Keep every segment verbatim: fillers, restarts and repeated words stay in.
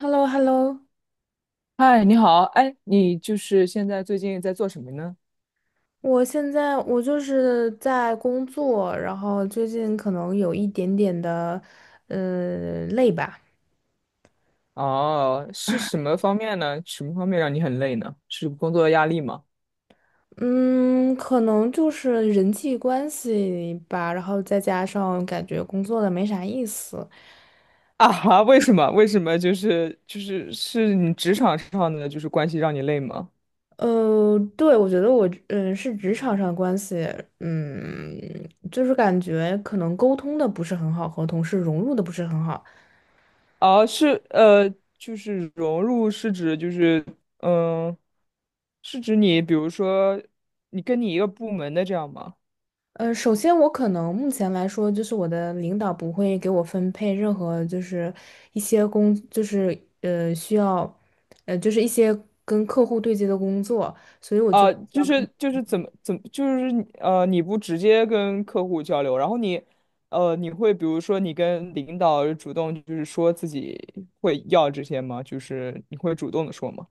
h e l l o h e l l o 嗨，你好，哎，你就是现在最近在做什么呢？我现在我就是在工作，然后最近可能有一点点的，呃，累吧。哦，是什么方面呢？什么方面让你很累呢？是工作压力吗？嗯，可能就是人际关系吧，然后再加上感觉工作的没啥意思。啊哈，为什么？为什么？就是就是是你职场上的就是关系让你累吗？呃，对，我觉得我嗯是职场上关系，嗯，就是感觉可能沟通的不是很好，和同事融入的不是很好。哦，是呃，就是融入是指就是嗯，是指你比如说你跟你一个部门的这样吗？呃，首先我可能目前来说，就是我的领导不会给我分配任何就是一些工，就是呃需要，呃就是一些跟客户对接的工作，所以我就不啊、知道。就是就是怎么怎么就是你呃，你不直接跟客户交流，然后你呃，你会比如说你跟领导主动就是说自己会要这些吗？就是你会主动的说吗？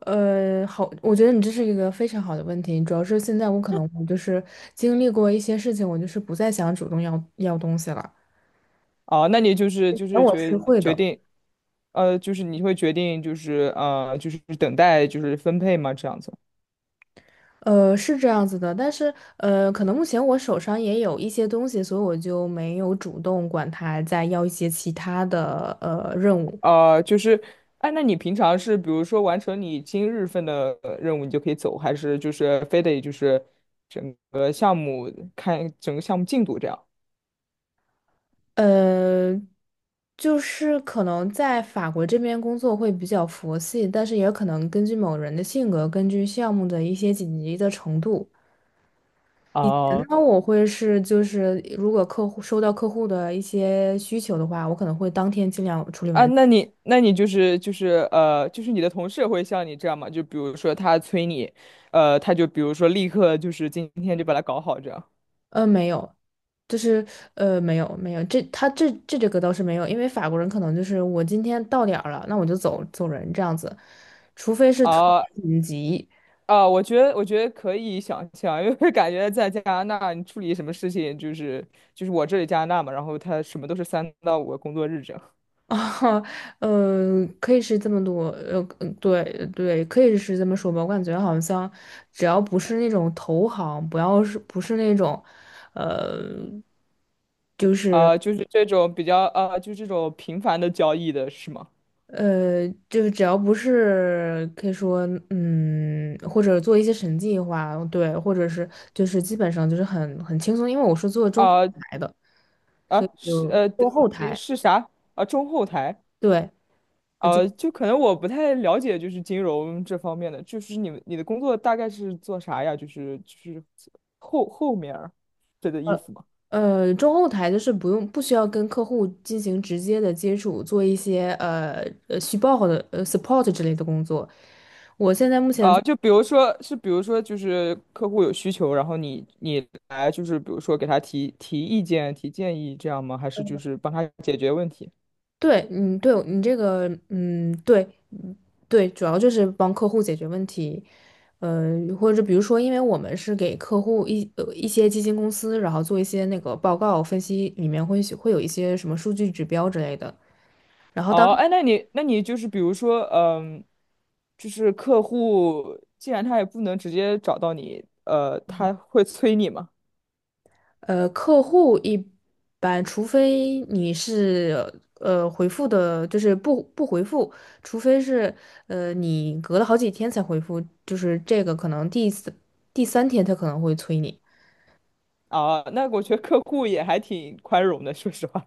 呃好，我觉得你这是一个非常好的问题，主要是现在我可能我就是经历过一些事情，我就是不再想主动要要东西了。啊、那你就是就那是我是决会决的。定，呃，就是你会决定就是呃，就是等待就是分配吗？这样子。呃，是这样子的，但是呃，可能目前我手上也有一些东西，所以我就没有主动管他再要一些其他的呃任务。啊，就是，哎，那你平常是比如说完成你今日份的呃任务，你就可以走，还是就是非得就是整个项目看整个项目进度这样？呃，就是可能在法国这边工作会比较佛系，但是也可能根据某人的性格，根据项目的一些紧急的程度。以前哦，呢，我会是就是如果客户收到客户的一些需求的话，我可能会当天尽量处理啊，完。那你那你就是就是呃，就是你的同事会像你这样吗？就比如说他催你，呃，他就比如说立刻就是今天就把它搞好这样。呃，没有。就是呃，没有没有，这他这这这个倒是没有，因为法国人可能就是我今天到点儿了，那我就走走人这样子，除非是特啊。别紧急。啊，我觉得我觉得可以想象，因为感觉在加拿大，你处理什么事情，就是就是我这里加拿大嘛，然后他什么都是三到五个工作日这样，啊，呃，可以是这么多。呃，嗯对对，可以是这么说吧，我感觉好像只要不是那种投行，不要是不是那种，呃，就是。啊，就是这种比较啊，就这种频繁的交易的是吗？呃，就是只要不是可以说，嗯，或者做一些审计话，对，或者是就是基本上就是很很轻松，因为我是做中后啊台的，所以啊是就呃，中对后你台。是啥？啊，中后台，对。呃就啊，就可能我不太了解，就是金融这方面的，就是你们你的工作大概是做啥呀？就是就是后后面儿，这个意思吗？呃中后台就是不用不需要跟客户进行直接的接触，做一些呃呃虚报的呃 support 之类的工作。我现在目前啊，就比如说，是比如说，就是客户有需求，然后你你来，就是比如说给他提提意见、提建议，这样吗？还是就是帮他解决问题？对。嗯，对你这个，嗯，对，对，主要就是帮客户解决问题。呃，或者比如说，因为我们是给客户一呃一些基金公司，然后做一些那个报告分析，里面会会有一些什么数据指标之类的。然后当哦，哎，那你那你就是比如说，嗯，就是客户既然他也不能直接找到你，呃，他会催你吗？呃客户一般，除非你是呃回复的，就是不不回复，除非是呃你隔了好几天才回复，就是这个可能第四第三天他可能会催你。啊，那我觉得客户也还挺宽容的，说实话。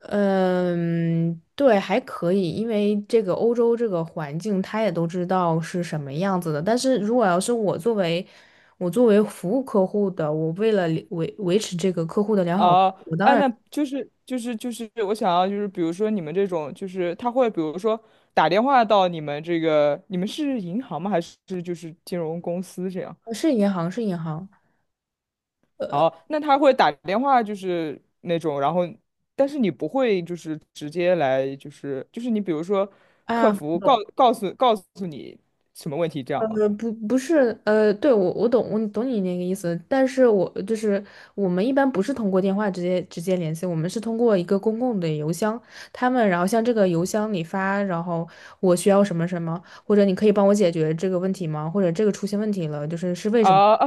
嗯，对，还可以，因为这个欧洲这个环境，他也都知道是什么样子的。但是如果要是我作为我作为服务客户的，我为了维维持这个客户的良好服哦，务我当哎，然。那就是就是就是我想要就是比如说你们这种就是他会比如说打电话到你们这个你们是银行吗？还是就是金融公司这样？呃是银行是银行。哦，那他会打电话就是那种，然后但是你不会就是直接来就是就是你比如说客啊，服懂。告告诉告诉你什么问题这样吗？呃，不，不是。呃，对，我我懂，我懂你那个意思，但是我就是我们一般不是通过电话直接直接联系，我们是通过一个公共的邮箱，他们然后向这个邮箱里发，然后我需要什么什么，或者你可以帮我解决这个问题吗？或者这个出现问题了，就是是为什么？啊啊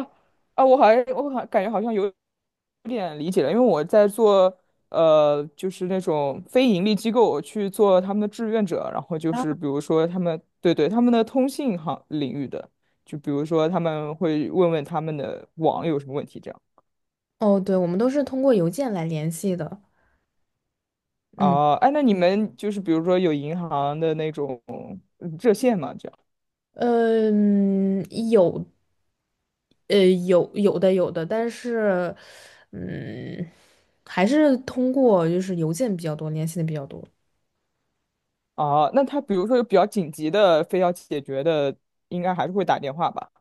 啊！我好像我好感觉好像有点理解了，因为我在做呃，就是那种非盈利机构去做他们的志愿者，然后就是比如说他们对对他们的通信行领域的，就比如说他们会问问他们的网有什么问题这样。哦，对，我们都是通过邮件来联系的。嗯。哦，哎，那你们就是比如说有银行的那种嗯热线嘛，这样。呃嗯，有。呃，有有的有的，但是，嗯，还是通过就是邮件比较多，联系的比较多。哦，那他比如说有比较紧急的非要解决的，应该还是会打电话吧？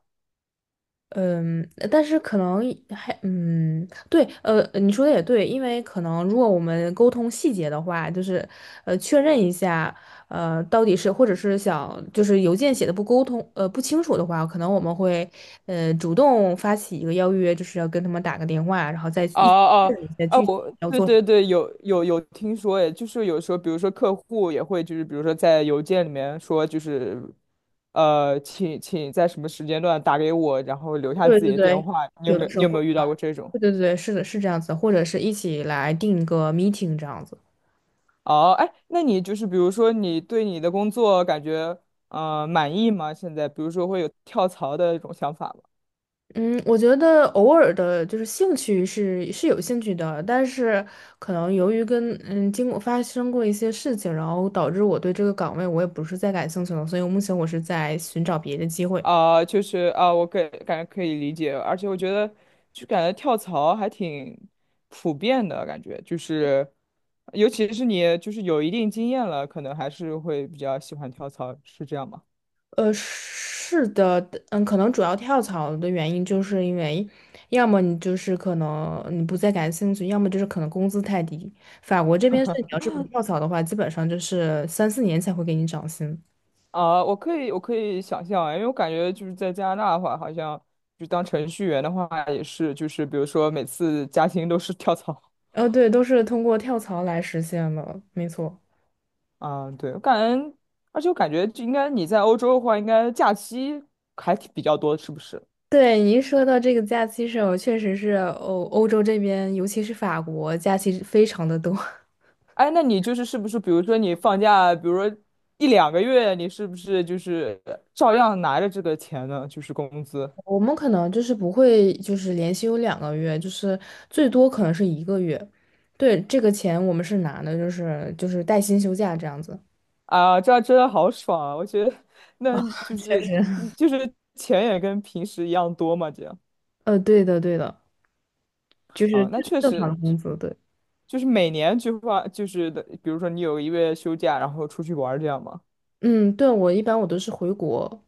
嗯，但是可能还嗯，对。呃，你说的也对，因为可能如果我们沟通细节的话，就是呃确认一下，呃，到底是或者是想就是邮件写的不沟通呃不清楚的话，可能我们会呃主动发起一个邀约，就是要跟他们打个电话，然后再哦一起确认一下哦哦，具体我要对做什对么。对，有有有听说诶，就是有时候，比如说客户也会，就是比如说在邮件里面说，就是呃，请请在什么时间段打给我，然后留下对自己对的电对，话。你有有没的有时你候有会。没有遇到过这种？对对对，是的，是这样子的或者是一起来定个 meeting 这样子。哦，哎，那你就是比如说你对你的工作感觉呃满意吗？现在比如说会有跳槽的一种想法吗？嗯，我觉得偶尔的，就是兴趣是是有兴趣的，但是可能由于跟嗯经过发生过一些事情，然后导致我对这个岗位我也不是再感兴趣了，所以目前我是在寻找别的机会。啊、就是啊、我感感觉可以理解，而且我觉得就感觉跳槽还挺普遍的感觉，就是尤其是你就是有一定经验了，可能还是会比较喜欢跳槽，是这样吗？呃，是的。嗯，可能主要跳槽的原因就是因为，要么你就是可能你不再感兴趣，要么就是可能工资太低。法国这边是你要是不跳槽的话，基本上就是三四年才会给你涨薪。啊、我可以我可以想象啊，因为我感觉就是在加拿大的话，好像就当程序员的话也是，就是比如说每次加薪都是跳槽。呃，对，都是通过跳槽来实现的，没错。啊、对，我感觉，而且我感觉就应该你在欧洲的话，应该假期还挺比较多，是不是？对，您说到这个假期上，确实是欧欧洲这边，尤其是法国，假期非常的多。哎，那你就是是不是，比如说你放假，比如说一两个月，你是不是就是照样拿着这个钱呢？就是工资我们可能就是不会，就是连休两个月，就是最多可能是一个月。对，这个钱我们是拿的，就是就是带薪休假这样子。啊，这样真的好爽啊！我觉得，那就 确是实。就是钱也跟平时一样多嘛，这样呃，对的，对的，就是啊，那这是确正常实的工资。对。就是每年就花，就是的，比如说你有一个月休假，然后出去玩儿这样嘛，嗯，对，我一般我都是回国，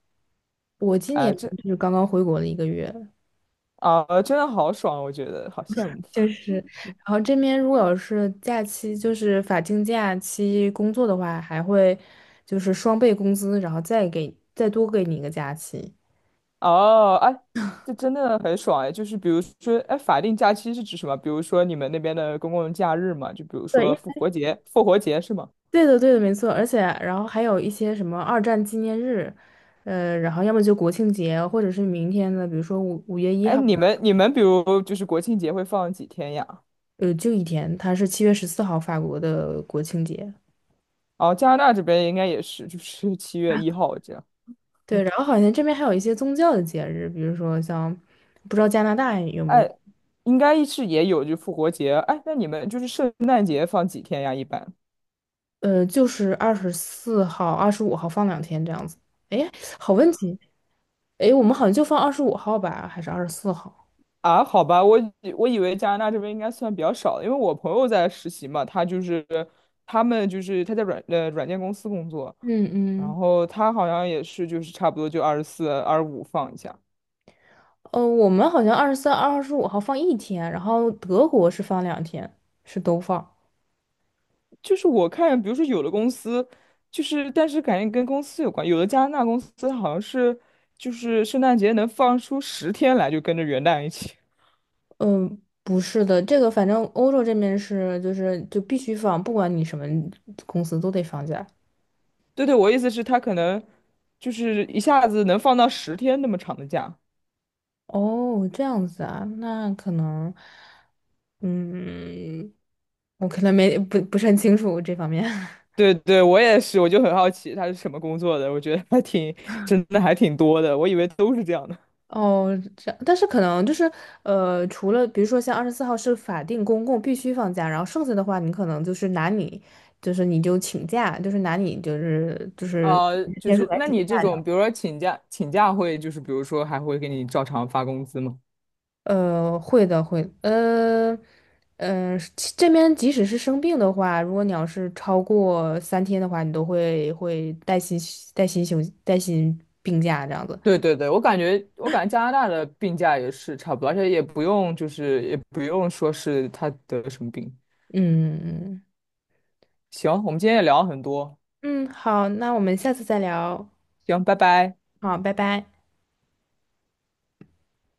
我今年哎，这就是刚刚回国的一个月。啊，真的好爽啊，我觉得好羡慕。就是，然后这边如果要是假期，就是法定假期工作的话，还会就是双倍工资，然后再给再多给你一个假期。哦，哎，这真的很爽哎！就是比如说，哎，法定假期是指什么？比如说你们那边的公共假日嘛，就比如说对，复活节，复活节是吗？对的，对的，没错。而且，然后还有一些什么二战纪念日，呃，然后要么就国庆节，或者是明天的，比如说五五月一哎，号的。你们你们比如就是国庆节会放几天呀？呃，就一天，它是七月十四号法国的国庆节。哦，加拿大这边应该也是，就是七月一号这样。对，然后好像这边还有一些宗教的节日，比如说像，不知道加拿大有没有。哎，应该是也有就复活节。哎，那你们就是圣诞节放几天呀？一般？呃，就是二十四号、二十五号放两天这样子。哎，好问题。哎，我们好像就放二十五号吧，还是二十四号？啊，好吧，我以我以为加拿大这边应该算比较少的，因为我朋友在实习嘛，他就是他们就是他在软呃软件公司工作，嗯嗯。然后他好像也是就是差不多就二十四、二十五放一下。呃，我们好像二十三、二十五号放一天，然后德国是放两天，是都放。就是我看，比如说有的公司就是但是感觉跟公司有关，有的加拿大公司好像是就是圣诞节能放出十天来，就跟着元旦一起。嗯、不是的，这个反正欧洲这边是就是就必须放，不管你什么公司都得放假。对对，我意思是，他可能就是一下子能放到十天那么长的假。哦，这样子啊，那可能，嗯，我可能没不不是很清楚这方面。对对，我也是，我就很好奇他是什么工作的，我觉得还挺，真的还挺多的，我以为都是这样的。哦，这样，但是可能就是，呃，除了比如说像二十四号是法定公共必须放假，然后剩下的话，你可能就是拿你，就是你就请假，就是拿你就是就是呃，就天数是来那请你这假这样。种，比如说请假，请假会就是比如说还会给你照常发工资吗？呃，会的，会。呃，呃，其这边即使是生病的话，如果你要是超过三天的话，你都会会带薪带薪休带薪病假这样子。对对对，我感觉我感觉加拿大的病假也是差不多，而且也不用就是也不用说是他得什么病。嗯嗯行，我们今天也聊了很多，嗯，嗯好，那我们下次再聊。行，拜拜。好，拜拜。